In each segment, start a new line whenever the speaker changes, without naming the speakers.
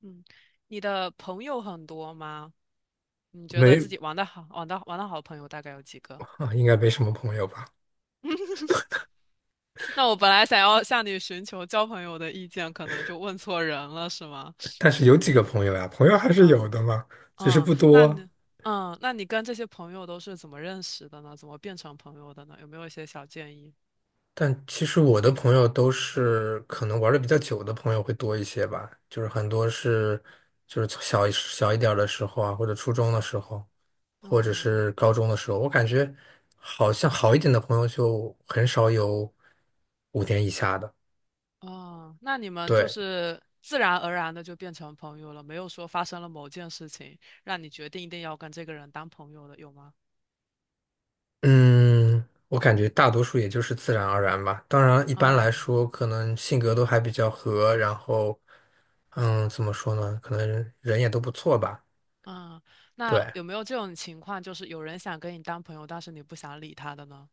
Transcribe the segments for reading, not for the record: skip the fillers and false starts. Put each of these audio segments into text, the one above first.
嗯，你的朋友很多吗？你觉得自
没，
己玩的好、玩的好的朋友大概有几个？
啊应该没什么朋友吧？
那我本来想要向你寻求交朋友的意见，可能就问错人了，是吗？
但是有几个朋友呀，朋友还是有
嗯
的嘛，只是
嗯。
不
那
多。
你嗯，那你跟这些朋友都是怎么认识的呢？怎么变成朋友的呢？有没有一些小建议？
但其实我的朋友都是可能玩的比较久的朋友会多一些吧，就是很多就是从小一小一点儿的时候啊，或者初中的时候，或者
嗯。
是高中的时候，我感觉好像好一点的朋友就很少有5年以下的。
哦，那你们就
对，
是自然而然的就变成朋友了，没有说发生了某件事情让你决定一定要跟这个人当朋友的，有吗？
嗯，我感觉大多数也就是自然而然吧。当然，一般来说，可能性格都还比较合，然后，怎么说呢？可能人也都不错吧。
嗯，那
对，
有没有这种情况，就是有人想跟你当朋友，但是你不想理他的呢？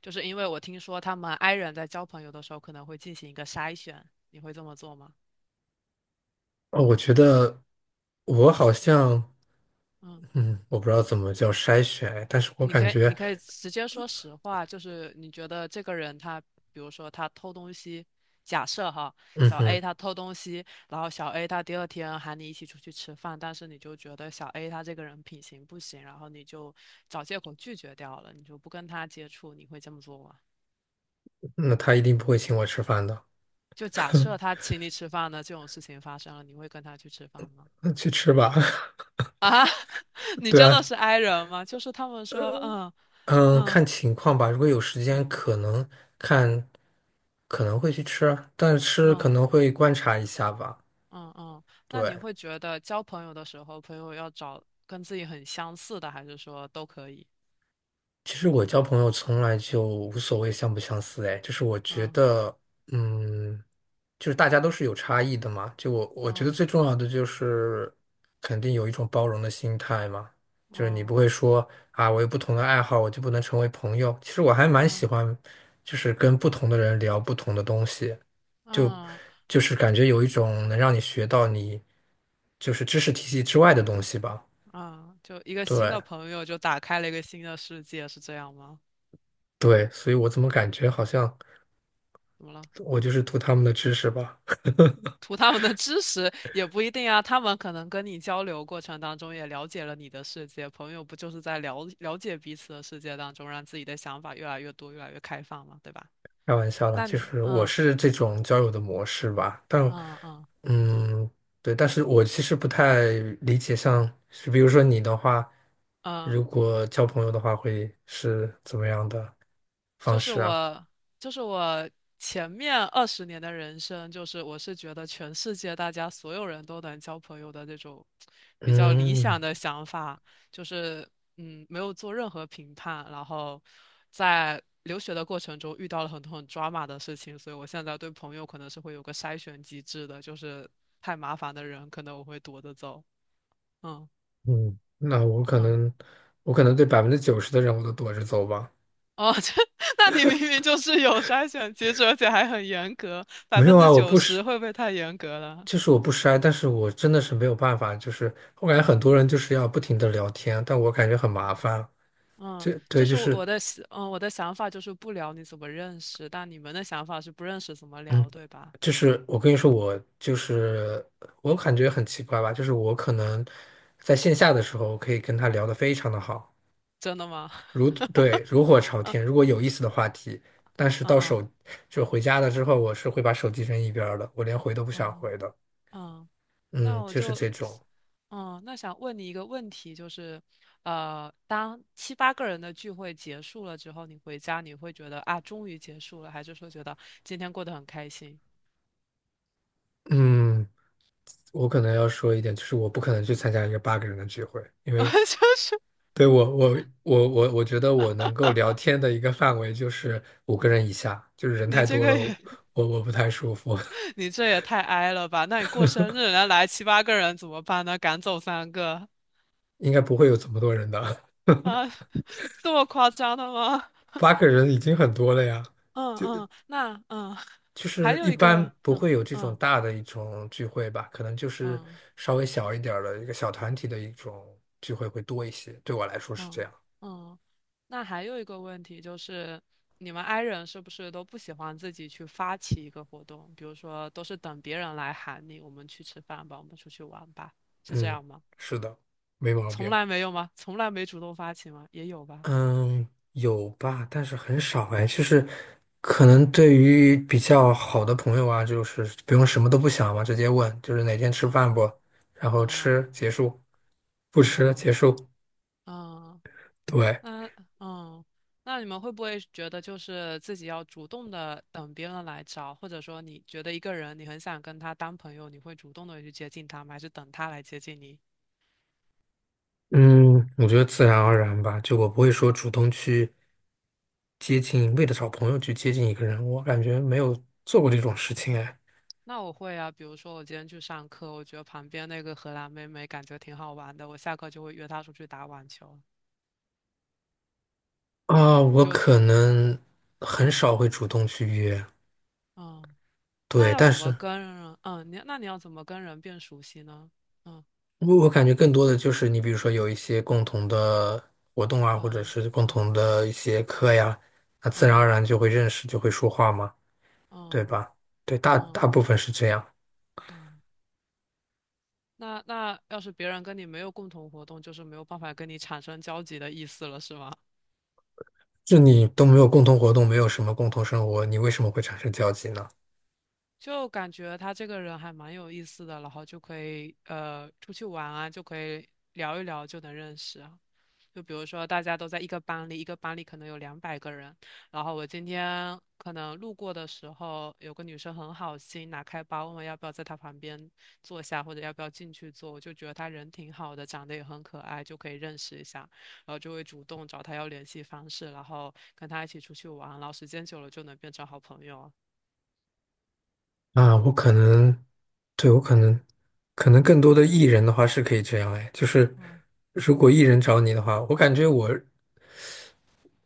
就是因为我听说他们 i 人在交朋友的时候可能会进行一个筛选，你会这么做吗？
哦，我觉得我好像，
嗯，
嗯，我不知道怎么叫筛选，但是我
你
感
可以，
觉，
你可以直接说实话，就是你觉得这个人他，比如说他偷东西，假设哈，
嗯
小 A
哼。
他偷东西，然后小 A 他第二天喊你一起出去吃饭，但是你就觉得小 A 他这个人品行不行，然后你就找借口拒绝掉了，你就不跟他接触，你会这么做吗？
那他一定不会请我吃饭的。
就假 设他请你吃饭呢，这种事情发生了，你会跟他去吃饭吗？
那去吃吧。
啊，你
对
真的
啊，
是 i 人吗？就是他们说，嗯。
嗯，
嗯
看情况吧。如果有时间，
嗯
看，可能会去吃啊但是可
嗯
能会观察一下吧。
嗯嗯。那
对，
你会觉得交朋友的时候，朋友要找跟自己很相似的，还是说都可以？
其实我交朋友从来就无所谓相不相似，哎，就是我觉
嗯。
得，嗯。就是大家都是有差异的嘛。就我觉得
嗯
最重要的就是肯定有一种包容的心态嘛，就是你不
嗯
会说啊，我有不同的爱好，我就不能成为朋友。其实我还蛮喜
嗯
欢，就是跟不同的人聊不同的东西，就
嗯
感觉有一种能让你学到你就是知识体系之外的东西吧。
嗯。就一个新
对
的朋友就打开了一个新的世界，是这样吗？
对，所以我怎么感觉好像
怎么了？
我就是图他们的知识吧。
图他们的知识也不一定啊，他们可能跟你交流过程当中也了解了你的世界，朋友不就是在了解彼此的世界当中，让自己的想法越来越多，越来越开放嘛，对吧？
开玩笑了，
那
就
你，
是我
嗯
是这种交友的模式吧，但
嗯嗯
嗯，对，但是我其实不太理解像，是比如说你的话，
嗯。
如果交朋友的话，会是怎么样的方
就是
式啊？
我，就是我前面20年的人生，就是我是觉得全世界大家所有人都能交朋友的这种比较理
嗯
想的想法，就是嗯，没有做任何评判，然后在留学的过程中遇到了很多很抓马的事情，所以我现在对朋友可能是会有个筛选机制的，就是太麻烦的人，可能我会躲着走。嗯
嗯，那我可
嗯。
能，我可能对90%的人我都躲着走吧。
哦，这 那你明明就是有筛选机制，而且还很严格，百
没有
分
啊，
之
我
九
不是，
十会不会太严格了？
就是我不筛，但是我真的是没有办法，就是我感觉很多人就是要不停的聊天，但我感觉很麻烦。
嗯，
就
就
对，就
是我
是。
我的想嗯我的想法就是不聊你怎么认识，但你们的想法是不认识怎么
嗯。
聊，对吧？
就是我跟你说，我就是我感觉很奇怪吧，就是我可能在线下的时候可以跟他聊得非常的好，
真的吗？
如火朝天，如果有意思的话题，但是
嗯
到
嗯
手就回家了之后，我是会把手机扔一边儿的，我连回都不想
嗯
回的。
嗯。那
嗯，
我
就是
就，
这种。
嗯，那想问你一个问题，就是，当七八个人的聚会结束了之后，你回家你会觉得啊，终于结束了，还是说觉得今天过得很开心？
嗯，我可能要说一点，就是我不可能去参加一个八个人的聚会，因
我
为
就是
对，我觉得我能够聊天的一个范围就是5个人以下，就是人
你
太
这
多
个
了，
也，
我不太舒服。
你这也太哀了吧？那你过生日，人家来七八个人怎么办呢？赶走三个
应该不会有这么多人的。
啊，这么夸张的吗？
8个人已经很多了呀，
嗯嗯，那嗯，
就
还
是
有
一
一
般
个，
不
嗯
会有这种
嗯
大的一种聚会吧，可能就是
嗯
稍微小一点儿的一个小团体的一种聚会会多一些，对我来说是这
嗯
样。
嗯。那还有一个问题就是，你们 i 人是不是都不喜欢自己去发起一个活动？比如说，都是等别人来喊你，我们去吃饭吧，我们出去玩吧，是这
嗯，
样吗？
是的，没毛
从
病。
来没有吗？从来没主动发起吗？也有吧？
嗯，有吧，但是很少哎。就是可能对于比较好的朋友啊，就是不用什么都不想嘛，直接问，就是哪天吃饭不，
嗯。
然后
啊
吃结束，不吃结
啊
束。
啊，
对，
那嗯，那你们会不会觉得就是自己要主动的等别人来找，或者说你觉得一个人你很想跟他当朋友，你会主动的去接近他吗？还是等他来接近你？
嗯，我觉得自然而然吧，就我不会说主动去接近，为了找朋友去接近一个人，我感觉没有做过这种事情哎。
那我会啊，比如说我今天去上课，我觉得旁边那个荷兰妹妹感觉挺好玩的，我下课就会约她出去打网球。
啊，我可
就
能很
嗯
少会主动去约，
嗯，那
对，
要
但
怎么
是。
跟人嗯你那你要怎么跟人变熟悉呢？嗯
我感觉更多的就是你比如说有一些共同的活动啊，或者
嗯
是共同
嗯
的一些课呀，那自然而
嗯
然就会认识，就会说话嘛，对
嗯
吧？对，大
嗯。
大
嗯。
部分是这样。
哦，那那要是别人跟你没有共同活动，就是没有办法跟你产生交集的意思了，是吗？
就你都没有共同活动，没有什么共同生活，你为什么会产生交集呢？
就感觉他这个人还蛮有意思的，然后就可以出去玩啊，就可以聊一聊，就能认识啊。就比如说，大家都在一个班里，一个班里可能有200个人。然后我今天可能路过的时候，有个女生很好心拿开包，问我要不要在她旁边坐下，或者要不要进去坐。我就觉得她人挺好的，长得也很可爱，就可以认识一下。然后就会主动找她要联系方式，然后跟她一起出去玩。然后时间久了就能变成好朋友啊。
啊，我可能，对，我可能，可能更多的艺人的话是可以这样哎，就是
嗯
如果艺人找你的话，我感觉我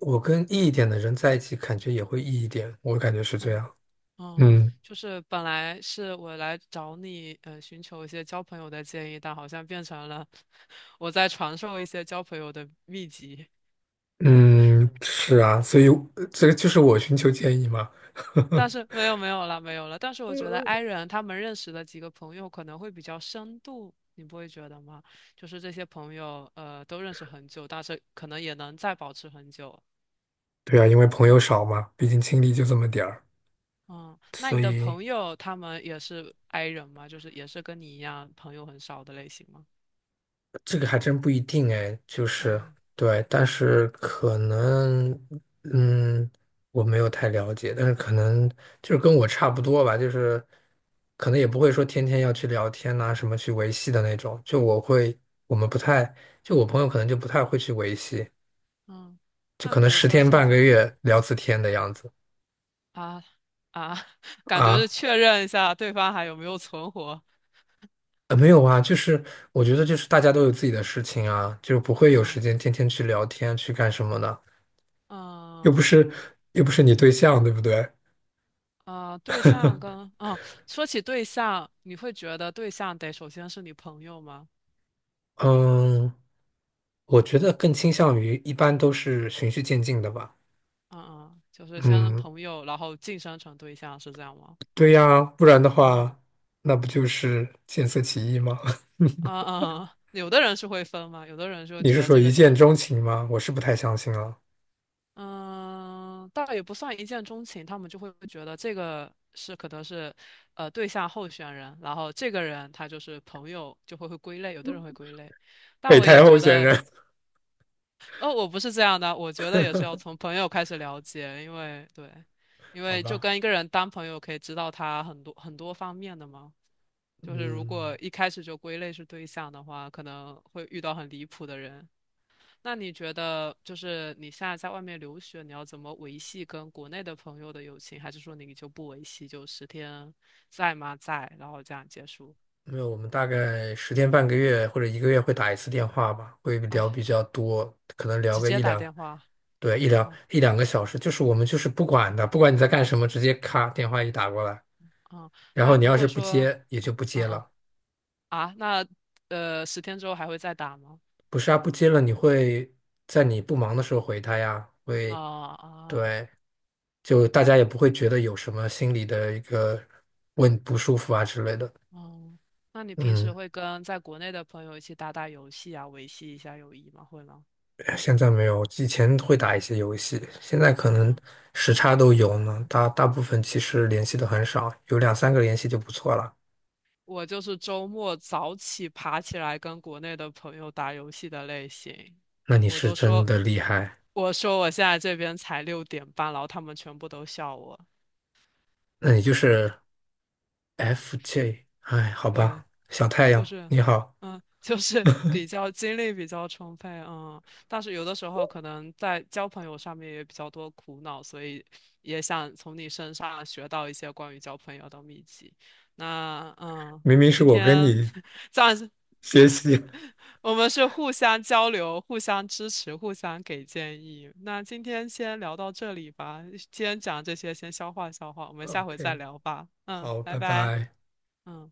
我跟 E 一点的人在一起，感觉也会 E 一点，我感觉是这
嗯。
样。
嗯，
嗯。
就是本来是我来找你，寻求一些交朋友的建议，但好像变成了我在传授一些交朋友的秘籍。
嗯，是啊，所以这个就是我寻求建议嘛。
但 是没有没有了没有了，但是我觉得 i 人他们认识的几个朋友可能会比较深度，你不会觉得吗？就是这些朋友，都认识很久，但是可能也能再保持很久。
对啊，因为朋友少嘛，毕竟精力就这么点儿，
嗯，那
所
你的
以
朋友他们也是 i 人吗？就是也是跟你一样朋友很少的类型吗？
这个还真不一定哎。就是
嗯
对，但是可能，嗯，我没有太了解，但是可能就是跟我差不多吧，就是可能也不会说天天要去聊天呐、什么去维系的那种。就我会，我们不太，就我朋友可能就不太会去维系，
嗯，
就
那
可
比
能
如
十
说
天
现
半个
在。
月聊次天的样子。
啊啊，感觉是
啊。
确认一下对方还有没有存活。
没有啊，就是我觉得就是大家都有自己的事情啊，就不会有时
嗯
间天天去聊天去干什么的，又不是
嗯。
又不是你对象，对不对？
啊，对象跟嗯，说起对象，你会觉得对象得首先是你朋友吗？
嗯，我觉得更倾向于一般都是循序渐进的吧。
嗯嗯，就是先
嗯，
朋友，然后晋升成对象，是这样吗？
对呀，不然的
嗯
话，那不就是见色起意吗？
嗯嗯嗯，有的人是会分嘛，有的人就
你
觉
是
得
说
这
一
个就
见
是
钟情吗？我是不太相信啊。
嗯，倒也不算一见钟情，他们就会觉得这个是可能是，对象候选人，然后这个人他就是朋友，就会归类，有的人会归类，但
北
我
台
也
候
觉
选
得，
人。
哦，我不是这样的，我觉得也是要从朋友开始了解，因为对，因
好
为就
吧，
跟一个人当朋友可以知道他很多很多方面的嘛，就是如
嗯。
果一开始就归类是对象的话，可能会遇到很离谱的人。那你觉得，就是你现在在外面留学，你要怎么维系跟国内的朋友的友情？还是说你就不维系，就10天在吗？在，然后这样结束
没有，我们大概十天半个月或者一个月会打一次电话吧，会
啊？
聊比较多，可能聊
直
个
接打电话，
对，一两
嗯
一两个小时，就是我们就是不管的，不管你在干什么，直接咔电话一打过来，
嗯。
然
那
后你
如
要
果
是不
说，
接也就
嗯
不接
嗯嗯
了，
啊，那10天之后还会再打吗？
不是啊，不接了你会在你不忙的时候回他呀，
啊
会，
啊
对，就大家
啊。
也不会觉得有什么心理的一个问不舒服啊之类的。
哦，那你平时
嗯。
会跟在国内的朋友一起打打游戏啊，维系一下友谊吗？会吗？
哎现在没有，以前会打一些游戏，现在可能
嗯。
时差都有呢。大部分其实联系的很少，有两三个联系就不错了。
我就是周末早起爬起来跟国内的朋友打游戏的类型。
那你
我
是
都
真
说，
的厉害，
我说我现在这边才6点半，然后他们全部都笑我。
那你就是 FJ。哎，好
对，
吧，小太
就
阳，
是，
你好，
嗯，就是比较精力比较充沛，嗯，但是有的时候可能在交朋友上面也比较多苦恼，所以也想从你身上学到一些关于交朋友的秘籍。那嗯，
明明是
今
我跟
天
你
这样
学习。
我们是互相交流、互相支持、互相给建议。那今天先聊到这里吧，今天讲这些先消化消化，我 们下回再
OK，
聊吧。嗯，
好，
拜
拜
拜。
拜。
嗯。